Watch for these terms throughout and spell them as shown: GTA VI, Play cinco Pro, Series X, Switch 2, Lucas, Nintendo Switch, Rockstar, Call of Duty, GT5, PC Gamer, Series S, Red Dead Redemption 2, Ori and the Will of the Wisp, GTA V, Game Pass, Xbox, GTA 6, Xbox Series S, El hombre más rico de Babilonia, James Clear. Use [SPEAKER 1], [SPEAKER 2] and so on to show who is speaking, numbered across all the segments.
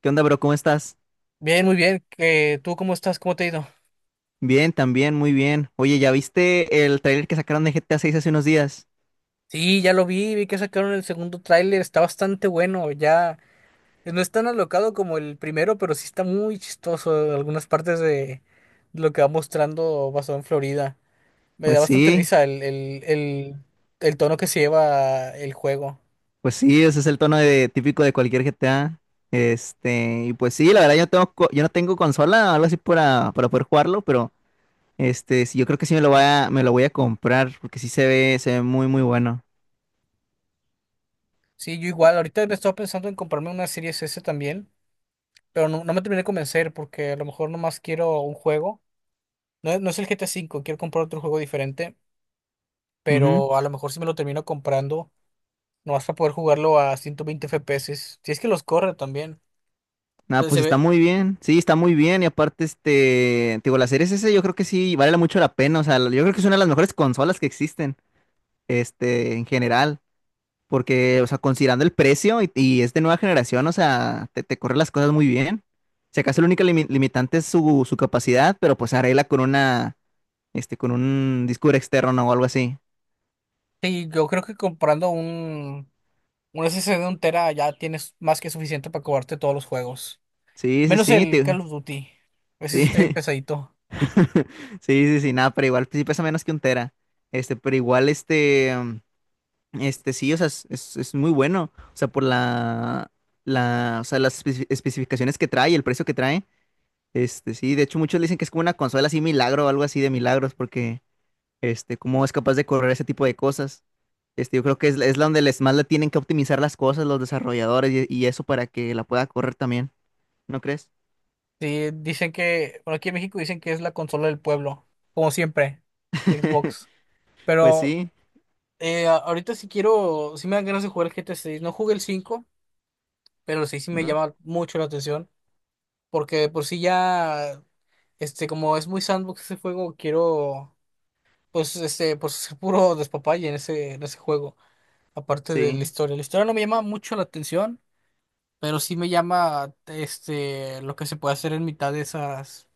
[SPEAKER 1] ¿Qué onda, bro? ¿Cómo estás?
[SPEAKER 2] Bien, muy bien. ¿Que tú cómo estás? ¿Cómo te ha ido?
[SPEAKER 1] Bien, también, muy bien. Oye, ¿ya viste el trailer que sacaron de GTA 6 hace unos días?
[SPEAKER 2] Sí, ya lo vi, vi que sacaron el segundo tráiler, está bastante bueno, ya no es tan alocado como el primero, pero sí está muy chistoso algunas partes de lo que va mostrando basado en Florida. Me da
[SPEAKER 1] Pues
[SPEAKER 2] bastante
[SPEAKER 1] sí,
[SPEAKER 2] risa el tono que se lleva el juego.
[SPEAKER 1] pues sí, ese es el tono de, típico de cualquier GTA. Y pues sí, la verdad yo no tengo, yo no tengo consola o algo así para poder jugarlo, pero sí, yo creo que sí me lo voy a, me lo voy a comprar, porque sí se ve muy, muy bueno.
[SPEAKER 2] Sí, yo igual, ahorita me estaba pensando en comprarme una Series S también, pero no, no me terminé de convencer porque a lo mejor nomás quiero un juego. No, no es el GTA V, quiero comprar otro juego diferente.
[SPEAKER 1] Ujú.
[SPEAKER 2] Pero a lo mejor si me lo termino comprando, no vas a poder jugarlo a 120 FPS. Si es que los corre también.
[SPEAKER 1] Nada,
[SPEAKER 2] Entonces se
[SPEAKER 1] pues está
[SPEAKER 2] ve.
[SPEAKER 1] muy bien. Sí, está muy bien. Y aparte, te digo, la serie S yo creo que sí vale mucho la pena. O sea, yo creo que es una de las mejores consolas que existen, en general. Porque, o sea, considerando el precio y es de nueva generación, o sea, te corre las cosas muy bien. Si acaso la única limitante es su, su capacidad, pero pues arregla con una, con un disco duro externo, ¿no? O algo así.
[SPEAKER 2] Sí, yo creo que comprando un SSD de un tera ya tienes más que suficiente para cobrarte todos los juegos.
[SPEAKER 1] Sí, sí,
[SPEAKER 2] Menos
[SPEAKER 1] sí,
[SPEAKER 2] el Call of Duty. Ese sí está bien
[SPEAKER 1] sí.
[SPEAKER 2] pesadito.
[SPEAKER 1] Sí, sí, sí, nada, pero igual pues, sí pesa menos que un tera. Este, pero igual, este, mm, este, sí, o sea, es, es muy bueno. O sea, por la, la, o sea, las especificaciones que trae, el precio que trae. Sí, de hecho muchos le dicen que es como una consola así milagro o algo así de milagros, porque cómo es capaz de correr ese tipo de cosas. Yo creo que es, es la donde les más le tienen que optimizar las cosas los desarrolladores y eso para que la pueda correr también, ¿no crees?
[SPEAKER 2] Sí, dicen que, bueno, aquí en México dicen que es la consola del pueblo, como siempre, Xbox.
[SPEAKER 1] Pues
[SPEAKER 2] Pero
[SPEAKER 1] sí,
[SPEAKER 2] ahorita sí quiero, sí me dan ganas de jugar el GTA 6. No jugué el 5, pero el 6 sí me
[SPEAKER 1] ¿no?
[SPEAKER 2] llama mucho la atención. Porque de por sí ya, este, como es muy sandbox ese juego, quiero, pues, este, pues ser puro despapalle en ese juego, aparte de la
[SPEAKER 1] Sí,
[SPEAKER 2] historia. La historia no me llama mucho la atención, pero sí me llama, este, lo que se puede hacer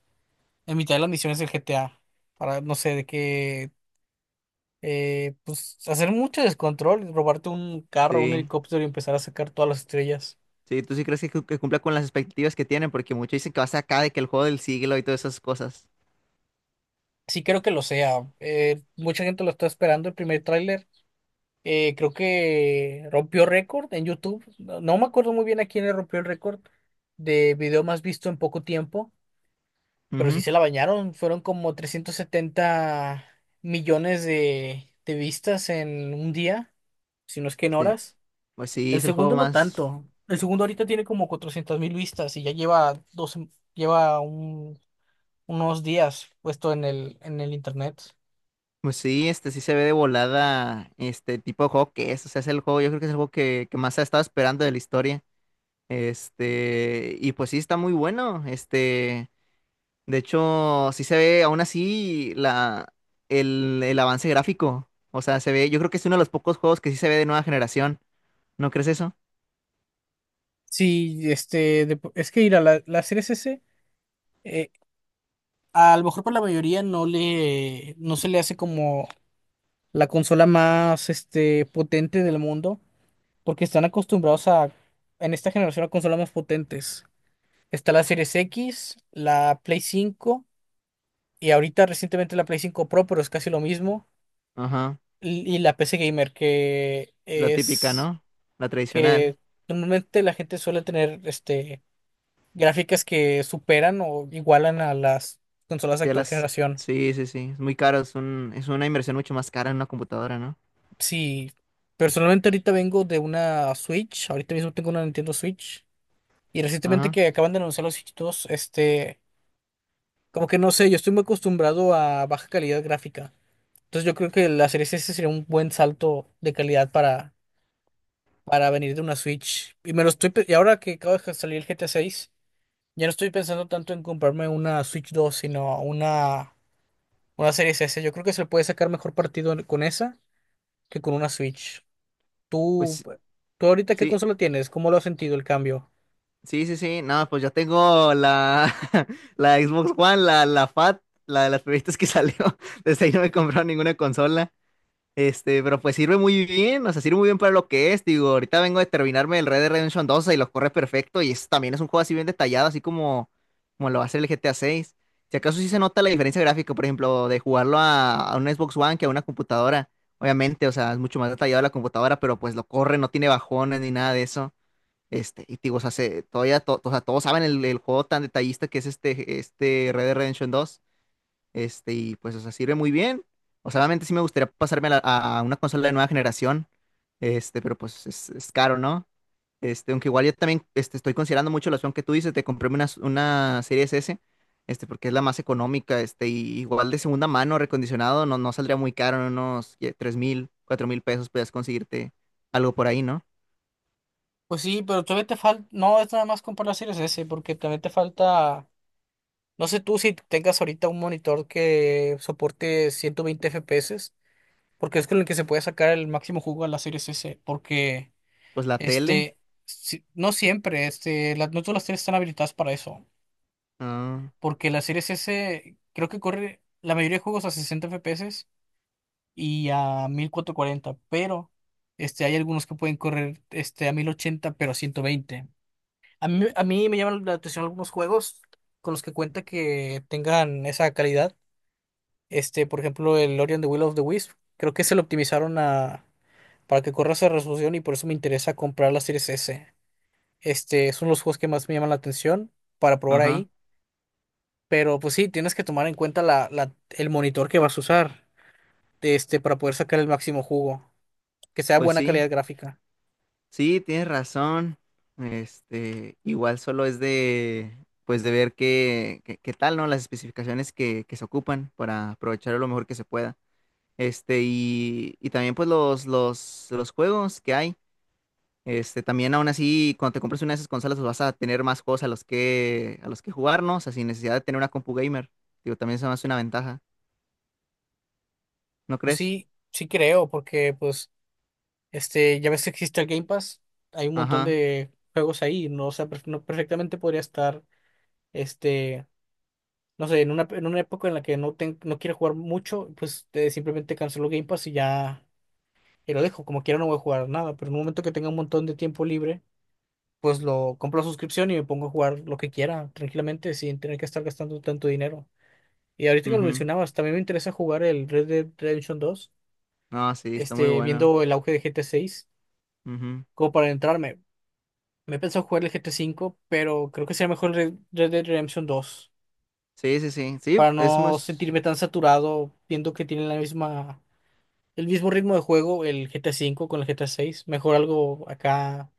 [SPEAKER 2] en mitad de las misiones del GTA, para, no sé, de que, pues, hacer mucho descontrol, robarte un carro, un
[SPEAKER 1] sí.
[SPEAKER 2] helicóptero y empezar a sacar todas las estrellas.
[SPEAKER 1] Sí, tú sí crees que, que cumpla con las expectativas que tienen, porque muchos dicen que va a ser acá de que el juego del siglo y todas esas cosas.
[SPEAKER 2] Sí creo que lo sea. Mucha gente lo está esperando el primer tráiler. Creo que rompió récord en YouTube. No, no me acuerdo muy bien a quién le rompió el récord de video más visto en poco tiempo, pero sí
[SPEAKER 1] Ujú.
[SPEAKER 2] se la bañaron. Fueron como 370 millones de vistas en un día, si no es que en
[SPEAKER 1] Sí.
[SPEAKER 2] horas.
[SPEAKER 1] Pues sí,
[SPEAKER 2] El
[SPEAKER 1] es el juego
[SPEAKER 2] segundo no
[SPEAKER 1] más.
[SPEAKER 2] tanto. El segundo ahorita tiene como 400 mil vistas y ya lleva dos, lleva unos días puesto en el internet.
[SPEAKER 1] Pues sí, este sí se ve de volada este tipo de juego que es. O sea, es el juego, yo creo que es el juego que más ha estado esperando de la historia. Y pues sí, está muy bueno. De hecho, sí se ve aún así la, el avance gráfico. O sea, se ve, yo creo que es uno de los pocos juegos que sí se ve de nueva generación. ¿No crees eso?
[SPEAKER 2] Sí, este, es que ir a la serie S S a lo mejor para la mayoría no se le hace como la consola más, este, potente del mundo, porque están acostumbrados a, en esta generación, a consolas más potentes. Está la Series X, la Play 5 y ahorita recientemente la Play 5 Pro, pero es casi lo mismo,
[SPEAKER 1] Ajá.
[SPEAKER 2] y la PC Gamer,
[SPEAKER 1] La típica, ¿no? La tradicional.
[SPEAKER 2] que normalmente la gente suele tener, este, gráficas que superan o igualan a las consolas de
[SPEAKER 1] Sí, a
[SPEAKER 2] actual
[SPEAKER 1] las,
[SPEAKER 2] generación.
[SPEAKER 1] sí, sí, sí. Es muy caro, es un, es una inversión mucho más cara en una computadora, ¿no?
[SPEAKER 2] Sí, personalmente ahorita vengo de una Switch, ahorita mismo tengo una Nintendo Switch y recientemente
[SPEAKER 1] Ajá.
[SPEAKER 2] que acaban de anunciar los Switch 2, este, como que no sé, yo estoy muy acostumbrado a baja calidad gráfica. Entonces yo creo que la Series S sería un buen salto de calidad para venir de una Switch. Y me lo estoy pe- y ahora que acaba de salir el GTA 6, ya no estoy pensando tanto en comprarme una Switch dos, sino una Series S. Yo creo que se le puede sacar mejor partido con esa que con una Switch. Tú,
[SPEAKER 1] Pues.
[SPEAKER 2] tú ahorita ¿qué
[SPEAKER 1] Sí,
[SPEAKER 2] consola tienes? ¿Cómo lo has sentido el cambio?
[SPEAKER 1] sí, sí, sí. No, pues yo tengo la, la Xbox One, la, la Fat, la de las primeritas que salió. Desde ahí no me he comprado ninguna consola. Pero pues sirve muy bien, o sea, sirve muy bien para lo que es. Digo, ahorita vengo de terminarme el Red Dead Redemption 2 y lo corre perfecto. Y también es un juego así bien detallado, así como, como lo va a hacer el GTA 6. Si acaso sí se nota la diferencia gráfica, por ejemplo, de jugarlo a una Xbox One que a una computadora. Obviamente, o sea, es mucho más detallado la computadora, pero pues lo corre, no tiene bajones ni nada de eso. Y te digo, o sea, todavía o sea, todos saben el juego tan detallista que es este, este Red Dead Redemption 2. Y pues, o sea, sirve muy bien. O sea, obviamente sí me gustaría pasarme a, a una consola de nueva generación. Pero pues es caro, ¿no? Aunque igual yo también estoy considerando mucho la opción que tú dices de comprarme una Series S, porque es la más económica, y igual de segunda mano, recondicionado, no, no saldría muy caro, en unos 3 mil, 4 mil pesos puedes conseguirte algo por ahí, ¿no?
[SPEAKER 2] Pues sí, pero todavía te falta, no es nada más comprar la Series S, porque también te falta, no sé tú si tengas ahorita un monitor que soporte 120 FPS, porque es con el que se puede sacar el máximo jugo a la Series S, porque
[SPEAKER 1] Pues la tele.
[SPEAKER 2] este, no siempre, este, no todas las series están habilitadas para eso,
[SPEAKER 1] Ah,
[SPEAKER 2] porque la Series S creo que corre la mayoría de juegos a 60 FPS y a 1440, pero este, hay algunos que pueden correr este, a 1080 pero a 120. A mí, me llaman la atención algunos juegos con los que cuenta que tengan esa calidad. Este, por ejemplo, el Ori and the Will of the Wisp. Creo que se lo optimizaron para que corra esa resolución y por eso me interesa comprar la Series S. Este, son los juegos que más me llaman la atención para probar
[SPEAKER 1] ajá.
[SPEAKER 2] ahí. Pero pues sí, tienes que tomar en cuenta el monitor que vas a usar, este, para poder sacar el máximo jugo que sea
[SPEAKER 1] Pues
[SPEAKER 2] buena
[SPEAKER 1] sí,
[SPEAKER 2] calidad gráfica.
[SPEAKER 1] sí, tienes razón. Igual solo es de, pues de ver qué, qué, qué tal, ¿no? Las especificaciones que se ocupan para aprovecharlo lo mejor que se pueda. Y, y también pues los juegos que hay. También aún así, cuando te compres una de esas consolas, pues vas a tener más juegos a los que jugar, ¿no? O sea, sin necesidad de tener una compu gamer. Digo, también se me hace una ventaja, ¿no
[SPEAKER 2] Pues
[SPEAKER 1] crees?
[SPEAKER 2] sí, sí creo, porque pues este, ya ves que existe el Game Pass, hay un montón
[SPEAKER 1] Ajá.
[SPEAKER 2] de juegos ahí, no, o sea, no perfectamente podría estar, este, no sé, en una época en la que no quiero jugar mucho, pues simplemente cancelo Game Pass y ya y lo dejo, como quiera no voy a jugar nada, pero en un momento que tenga un montón de tiempo libre, pues lo compro la suscripción y me pongo a jugar lo que quiera tranquilamente sin tener que estar gastando tanto dinero. Y ahorita que lo
[SPEAKER 1] Ujú.
[SPEAKER 2] mencionabas, también me interesa jugar el Red Dead Redemption 2,
[SPEAKER 1] No, sí, está muy
[SPEAKER 2] este,
[SPEAKER 1] bueno.
[SPEAKER 2] viendo el auge de GTA 6,
[SPEAKER 1] Ujú.
[SPEAKER 2] como para entrarme. Me he pensado jugar el GT5, pero creo que sería mejor Red Dead Redemption 2
[SPEAKER 1] Sí, sí, sí. Sí,
[SPEAKER 2] para
[SPEAKER 1] es muy...
[SPEAKER 2] no sentirme tan saturado viendo que tienen el mismo ritmo de juego el GT5 con el GT seis. Mejor algo acá,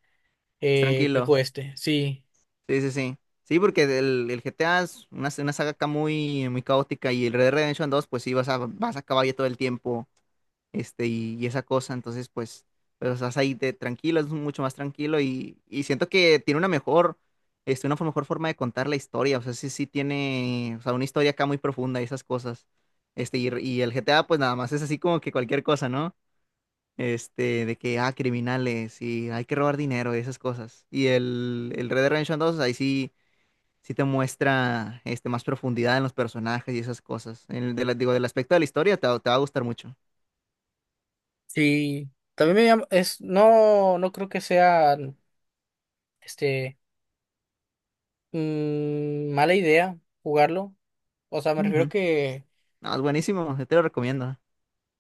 [SPEAKER 1] Más tranquilo.
[SPEAKER 2] viejo este. Sí,
[SPEAKER 1] Sí, sí, sí. Sí, porque el GTA es una saga acá muy, muy caótica y el Red Dead Redemption 2 pues sí, vas a, vas a caballo todo el tiempo, y esa cosa, entonces, pues, pues estás ahí de tranquilo, es mucho más tranquilo y siento que tiene una mejor, una mejor forma de contar la historia, o sea, sí, sí tiene, o sea, una historia acá muy profunda y esas cosas, y el GTA, pues nada más es así como que cualquier cosa, ¿no? De que, ah, criminales y hay que robar dinero y esas cosas. Y el Red Dead Redemption 2, ahí sí, sí te muestra más profundidad en los personajes y esas cosas. En el de digo, del aspecto de la historia te va a gustar mucho.
[SPEAKER 2] sí. También es no no creo que sea este, mala idea jugarlo. O sea, me refiero
[SPEAKER 1] Ujú.
[SPEAKER 2] que,
[SPEAKER 1] No, es buenísimo, yo te lo recomiendo.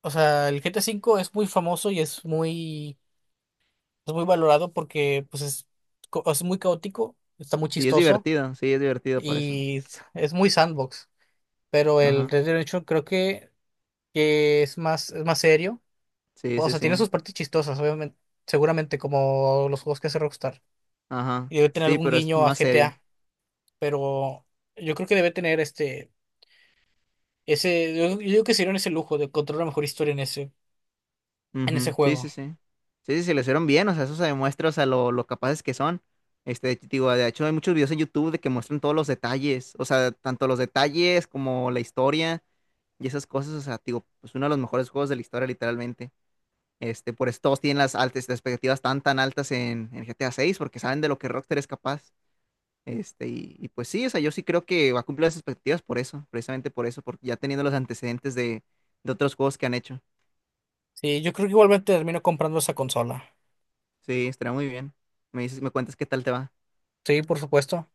[SPEAKER 2] o sea, el GT5 es muy famoso y Es muy valorado porque pues es, es muy caótico, está muy chistoso
[SPEAKER 1] Sí, es divertido por eso.
[SPEAKER 2] y es muy sandbox. Pero el
[SPEAKER 1] Ajá,
[SPEAKER 2] Red Dead Redemption creo que es más, serio.
[SPEAKER 1] sí,
[SPEAKER 2] O
[SPEAKER 1] sí,
[SPEAKER 2] sea, tiene
[SPEAKER 1] sí.
[SPEAKER 2] sus partes chistosas, obviamente, seguramente como los juegos que hace Rockstar.
[SPEAKER 1] Ajá,
[SPEAKER 2] Y debe tener
[SPEAKER 1] sí,
[SPEAKER 2] algún
[SPEAKER 1] pero es
[SPEAKER 2] guiño a
[SPEAKER 1] más serio.
[SPEAKER 2] GTA. Pero yo creo que debe tener este, yo creo que se dieron ese lujo de contar una mejor historia en ese
[SPEAKER 1] Ujú. Sí,
[SPEAKER 2] juego.
[SPEAKER 1] sí, sí. Sí, sí, sí, lo hicieron bien, o sea, eso se demuestra, o sea, lo capaces que son. Te digo, de hecho, hay muchos videos en YouTube de que muestran todos los detalles, o sea, tanto los detalles como la historia y esas cosas, o sea, te digo, pues uno de los mejores juegos de la historia, literalmente. Por eso todos tienen las altas, las expectativas tan, tan altas en GTA 6, porque saben de lo que Rockstar es capaz. Y, y pues sí, o sea, yo sí creo que va a cumplir las expectativas por eso, precisamente por eso, porque ya teniendo los antecedentes de otros juegos que han hecho.
[SPEAKER 2] Sí, yo creo que igualmente termino comprando esa consola.
[SPEAKER 1] Sí, estará muy bien. Me dices, me cuentas qué tal te va.
[SPEAKER 2] Sí, por supuesto.